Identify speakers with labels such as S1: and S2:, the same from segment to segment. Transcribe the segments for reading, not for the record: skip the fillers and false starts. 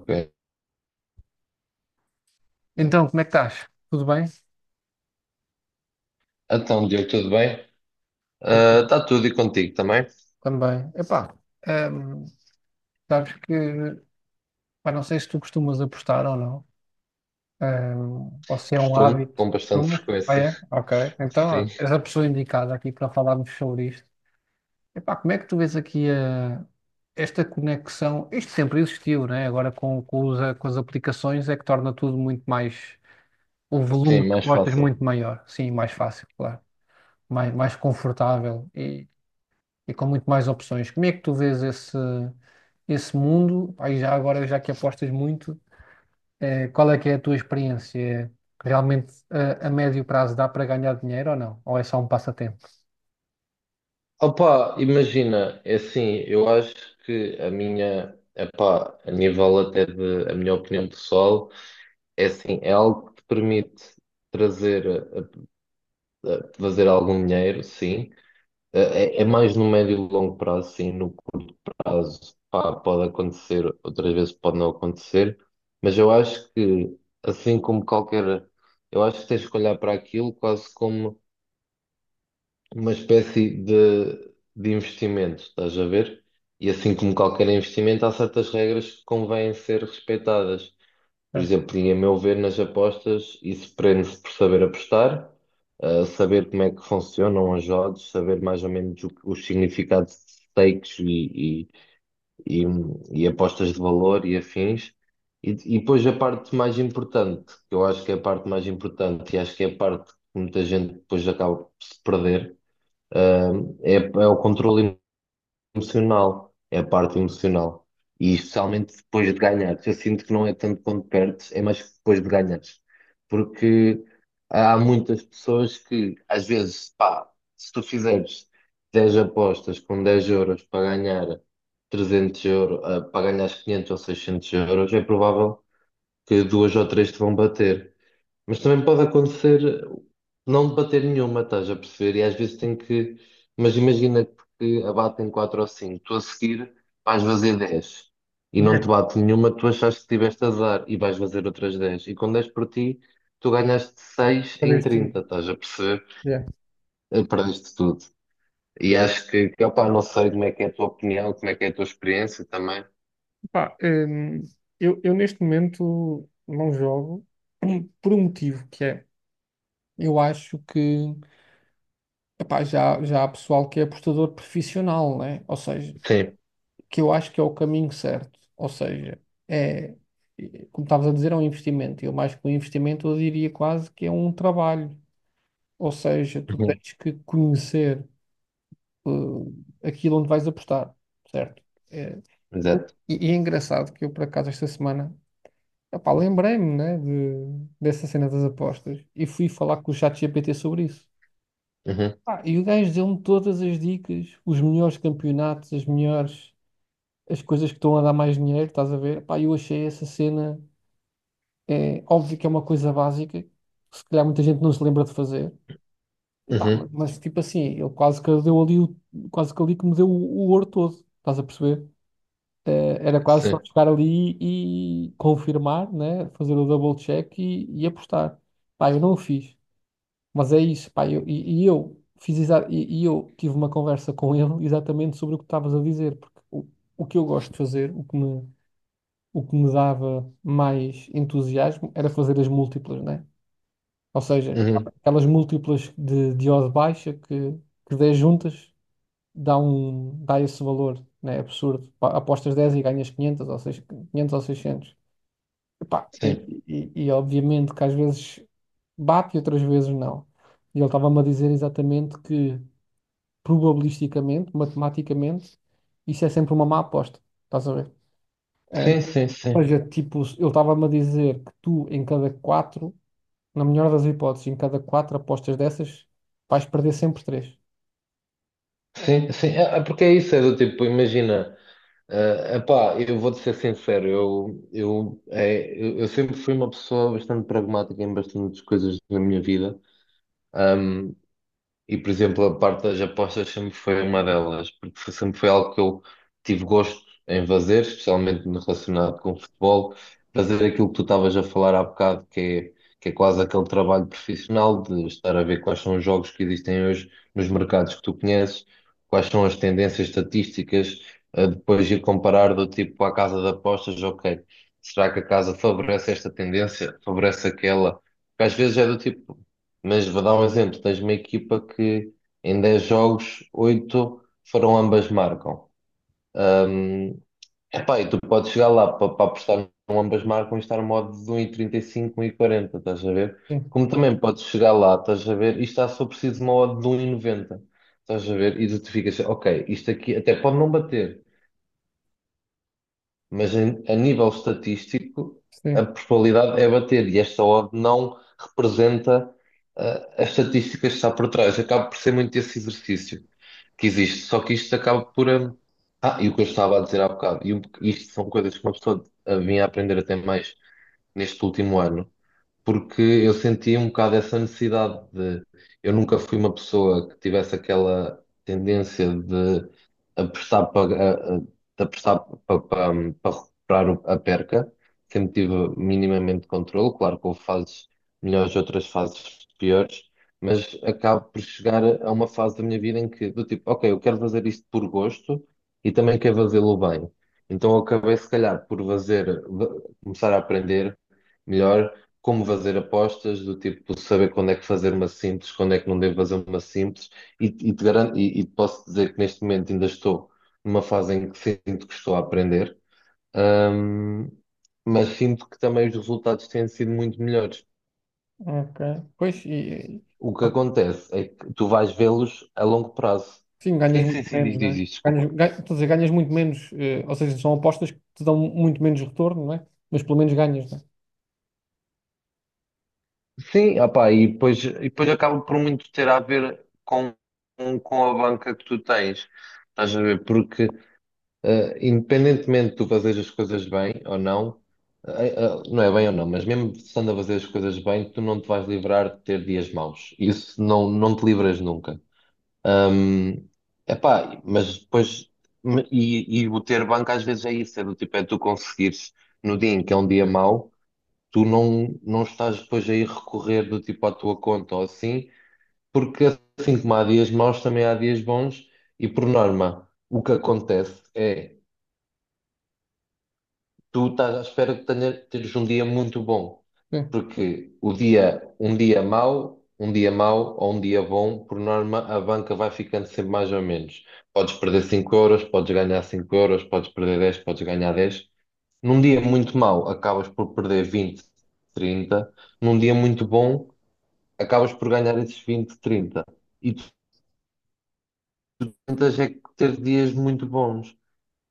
S1: Ok.
S2: Então, como é que estás? Tudo bem?
S1: Então, Diogo, tudo bem?
S2: Tudo
S1: Está tudo e contigo também?
S2: também. Epá, hum, sabes que, pá, não sei se tu costumas apostar ou não, ou se é um
S1: Costumo,
S2: hábito.
S1: com bastante
S2: Costumas? Ah,
S1: frequência.
S2: é? Ok. Então,
S1: Sim,
S2: és a pessoa indicada aqui para falarmos sobre isto. Epá, como é que tu vês aqui esta conexão? Isto sempre existiu, né? Agora com com as aplicações é que torna tudo muito mais, o
S1: sim,
S2: volume de
S1: mais
S2: apostas
S1: fácil.
S2: muito maior. Sim, mais fácil, claro. Mais confortável e com muito mais opções. Como é que tu vês esse mundo? Pá, e já agora, já que apostas muito, qual é que é a tua experiência? É, Realmente, a médio prazo dá para ganhar dinheiro ou não? Ou é só um passatempo?
S1: Opa, imagina, é assim, eu acho que epá, a nível até de, a minha opinião pessoal, é assim, é algo que te permite trazer, fazer algum dinheiro, sim. É, mais no médio e longo prazo, sim, no casos, pá, pode acontecer, outras vezes pode não acontecer, mas eu acho que, assim como qualquer, eu acho que tens que olhar para aquilo quase como uma espécie de investimento, estás a ver? E assim como qualquer investimento, há certas regras que convêm ser respeitadas. Por
S2: Ah,
S1: exemplo, e a meu ver, nas apostas, isso prende-se por saber apostar, saber como é que funcionam os odds, saber mais ou menos os significados de stakes e, e apostas de valor e afins. E, e depois a parte mais importante, que eu acho que é a parte mais importante e acho que é a parte que muita gente depois acaba por se perder, ah, é o controle emocional, é a parte emocional. E especialmente depois de ganhares. Eu sinto que não é tanto quando perdes, é mais depois de ganhares. Porque há muitas pessoas que, às vezes, pá, se tu fizeres 10 apostas com 10 euros para ganhar 300 euros, para ganhar 500 ou 600 euros, é provável que duas ou três te vão bater. Mas também pode acontecer não debater nenhuma, estás a perceber? E às vezes tem que. Mas imagina que abatem 4 ou 5 tu a seguir vais fazer 10 e não te
S2: yeah,
S1: bate nenhuma, tu achaste que tiveste azar e vais fazer outras 10 E com 10 por ti, tu ganhaste 6
S2: fazer
S1: em
S2: isto
S1: 30,
S2: tudo.
S1: estás a perceber?
S2: Yeah.
S1: Perdeste tudo. E acho que opá, não sei como é que é a tua opinião, como é que é a tua experiência também.
S2: Pá, eu neste momento não jogo por um motivo que é, eu acho que epá, já há pessoal que é apostador profissional, né? Ou seja,
S1: Sim,
S2: que eu acho que é o caminho certo. Ou seja, é, como estavas a dizer, é um investimento. Eu mais que um investimento, eu diria quase que é um trabalho. Ou seja, tu
S1: Uhum.
S2: tens que conhecer aquilo onde vais apostar, certo? É,
S1: Exato.
S2: e é engraçado que eu, por acaso, esta semana, epá, lembrei-me, né, dessa cena das apostas e fui falar com o ChatGPT sobre isso.
S1: Uhum.
S2: Pá, e o gajo deu-me todas as dicas, os melhores campeonatos, as coisas que estão a dar mais dinheiro, estás a ver? Pá, eu achei essa cena, é óbvio que é uma coisa básica, que se calhar muita gente não se lembra de fazer. E pá,
S1: Uhum.
S2: mas tipo assim, ele quase que deu ali, quase que ali que me deu o ouro todo, estás a perceber? Era quase só
S1: Sim,
S2: chegar ali e confirmar, né? Fazer o double check e apostar. Pá, eu não o fiz, mas é isso, pá, eu, e eu fiz exa- e eu tive uma conversa com ele exatamente sobre o que estavas a dizer, porque o que eu gosto de fazer, o que me dava mais entusiasmo era fazer as múltiplas, né? Ou seja,
S1: Uhum.
S2: aquelas múltiplas de odd baixa que 10 juntas dá esse valor, né? Absurdo. Pá, apostas 10 e ganhas 500 ou, 6, 500 ou 600. Epá, E,
S1: Sim,
S2: e, e obviamente que às vezes bate e outras vezes não. E ele estava-me a dizer exatamente que probabilisticamente, matematicamente, isso é sempre uma má aposta. Estás a ver? É,
S1: sim, sim,
S2: Ou
S1: sim.
S2: seja, tipo, eu estava-me a dizer que tu, em cada quatro, na melhor das hipóteses, em cada quatro apostas dessas, vais perder sempre três.
S1: Sim, sim, é porque é isso, é do tipo, imagina. Ah, epá, eu vou-te ser sincero, eu sempre fui uma pessoa bastante pragmática em bastantes coisas na minha vida. E, por exemplo, a parte das apostas sempre foi uma delas, porque sempre foi algo que eu tive gosto em fazer, especialmente no relacionado com o futebol, fazer aquilo que tu estavas a falar há bocado, que é quase aquele trabalho profissional de estar a ver quais são os jogos que existem hoje nos mercados que tu conheces, quais são as tendências estatísticas, a depois ir comparar do tipo à casa de apostas, ok, será que a casa favorece esta tendência, favorece aquela? Porque às vezes é do tipo. Mas vou dar um exemplo: tens uma equipa que em 10 jogos, 8 foram ambas marcam. Hum, Epá, e tu podes chegar lá para apostar num ambas marcam e estar no modo de 1,35, 1,40 estás a ver?
S2: Sim,
S1: Como também podes chegar lá, estás a ver, e está só preciso de uma odd de 1,90 estás a ver? E tu te ficas, ok, isto aqui até pode não bater, mas a nível estatístico a
S2: sim,
S1: probabilidade é bater e esta odd não representa as estatísticas que está por trás. Acaba por ser muito esse exercício que existe, só que isto acaba por. E o que eu estava a dizer há bocado, e isto são coisas que uma pessoa vinha a aprender até mais neste último ano, porque eu sentia um bocado essa necessidade de. Eu nunca fui uma pessoa que tivesse aquela tendência de apostar para, de apostar para recuperar a perca, sempre tive minimamente controle. Claro que houve fases melhores, outras fases piores, mas acabo por chegar a uma fase da minha vida em que, do tipo, ok, eu quero fazer isto por gosto e também quero fazê-lo bem. Então eu acabei, se calhar, por fazer, começar a aprender melhor como fazer apostas, do tipo saber quando é que fazer uma simples, quando é que não devo fazer uma simples, e te garanto, e te posso dizer que neste momento ainda estou numa fase em que sinto que estou a aprender, hum, mas sinto que também os resultados têm sido muito melhores.
S2: ok. Pois,
S1: O que acontece é que tu vais vê-los a longo prazo.
S2: sim, ganhas
S1: Sim,
S2: muito
S1: sim, sim,
S2: menos,
S1: diz, diz,
S2: né?
S1: diz, desculpa.
S2: Estou a dizer, ganhas muito menos, ou seja, são apostas que te dão muito menos retorno, não é? Mas pelo menos ganhas, né?
S1: Sim, opá, e depois acaba por muito ter a ver com a banca que tu tens. Estás a ver? Porque independentemente de tu fazeres as coisas bem ou não, não é bem ou não, mas mesmo estando a fazer as coisas bem, tu não te vais livrar de ter dias maus. Isso não, não te livras nunca. Hum, Epá, mas depois, e o ter banco às vezes é isso, é do tipo, é tu conseguires no dia em que é um dia mau, tu não, não estás depois a ir recorrer do tipo à tua conta ou assim, porque assim como há dias maus, também há dias bons, e por norma, o que acontece é. Tu estás à espera de teres um dia muito bom,
S2: Sim,
S1: porque o dia, um dia mau ou um dia bom, por norma, a banca vai ficando sempre mais ou menos. Podes perder 5 euros, podes ganhar 5 euros, podes perder 10 podes ganhar 10 Num dia muito mau, acabas por perder 20 30 Num dia muito bom, acabas por ganhar esses 20 30 E tu tentas é que ter dias muito bons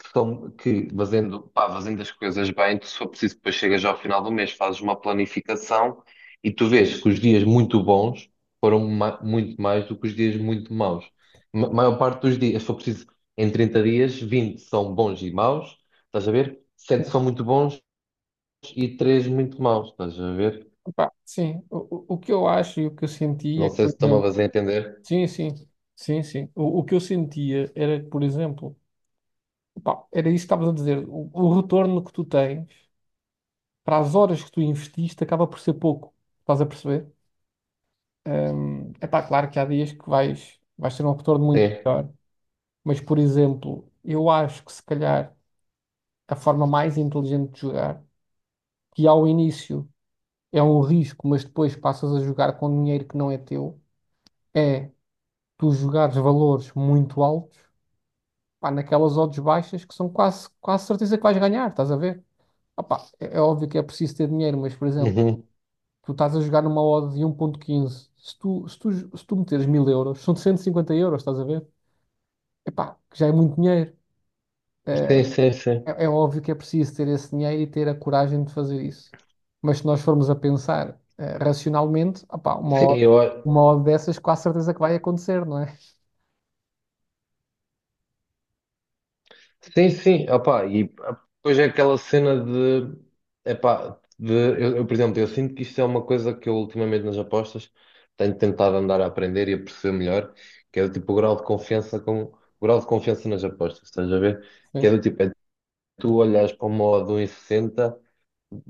S1: que, são, que fazendo, pá, fazendo as coisas bem, tu só preciso depois chegas ao final do mês, fazes uma planificação e tu vês que os dias muito bons foram muito mais do que os dias muito maus. Ma maior parte dos dias, só preciso, em 30 dias, 20 são bons e maus, estás a ver? Sete são muito bons e 3 muito maus, estás a ver?
S2: epá, sim. O que eu acho e o que eu
S1: Não
S2: sentia,
S1: sei
S2: por
S1: se estão a
S2: exemplo,
S1: fazer entender.
S2: sim, sim, sim, sim. O que eu sentia era, que, por exemplo, pá, era isso que estavas a dizer. O retorno que tu tens para as horas que tu investiste acaba por ser pouco. Estás a perceber? É pá, claro que há dias que vais ter um retorno muito
S1: Sim.
S2: melhor. Mas, por exemplo, eu acho que se calhar a forma mais inteligente de jogar, que ao início é um risco, mas depois passas a jogar com dinheiro que não é teu, é tu jogares valores muito altos, pá, naquelas odds baixas que são quase, quase certeza que vais ganhar, estás a ver? Opá, é óbvio que é preciso ter dinheiro, mas, por exemplo.
S1: Uhum.
S2: Tu estás a jogar numa odd de 1,15. Se tu meteres 1.000 euros, são 150 euros, estás a ver? Epá, que já é muito dinheiro. Eh,
S1: Sim, sim, sim.
S2: é óbvio que é preciso ter esse dinheiro e ter a coragem de fazer isso. Mas se nós formos a pensar, racionalmente, opá, uma
S1: Sim,
S2: odd,
S1: eu,
S2: uma odd dessas, com a certeza que vai acontecer, não é?
S1: sim, sim, opá, e depois é aquela cena de, epá, de eu, por exemplo, eu sinto que isto é uma coisa que eu ultimamente nas apostas tenho tentado andar a aprender e a perceber melhor, que é do tipo o grau de confiança com o grau de confiança nas apostas, estás a ver? Que é
S2: Sim,
S1: do tipo, é tu olhas para uma odd de 1,60.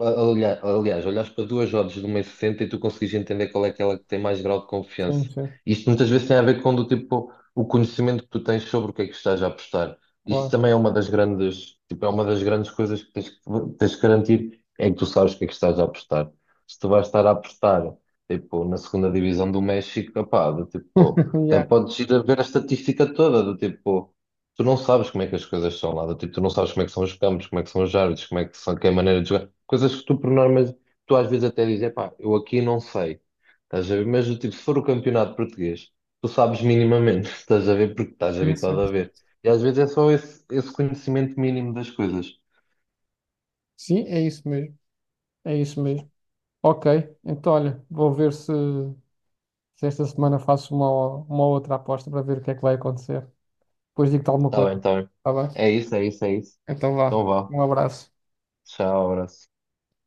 S1: Aliás, olhas para duas rodas de um 1,60 e sessenta e tu consegues entender qual é aquela que tem mais grau de
S2: sim,
S1: confiança.
S2: sim,
S1: Isto muitas vezes tem a ver com do tipo o conhecimento que tu tens sobre o que é que estás a apostar. Isto
S2: claro.
S1: também é uma das grandes, tipo, é uma das grandes coisas que tens que garantir é que tu sabes o que é que estás a apostar. Se tu vais estar a apostar, tipo, na segunda divisão do México, opá, do tipo, até
S2: Yeah,
S1: podes ir a ver a estatística toda, do tipo, tu não sabes como é que as coisas são lá, do tipo, tu não sabes como é que são os campos, como é que são os árbitros, como é que são, que é a maneira de jogar, coisas que tu por norma, tu às vezes até dizes, epá, eu aqui não sei, estás a ver? Mas do tipo, se for o campeonato português, tu sabes minimamente, estás a ver, porque estás
S2: é isso.
S1: habituado a ver. E às vezes é só esse, esse conhecimento mínimo das coisas.
S2: Sim, é isso mesmo. É isso mesmo. Ok, então olha, vou ver se esta semana faço uma outra aposta para ver o que é que vai acontecer. Depois digo-te alguma
S1: Está
S2: coisa.
S1: bem, está bem.
S2: Está bem?
S1: É isso, é isso, é isso.
S2: Então vá.
S1: Então vá.
S2: Um abraço.
S1: Tchau, abraço.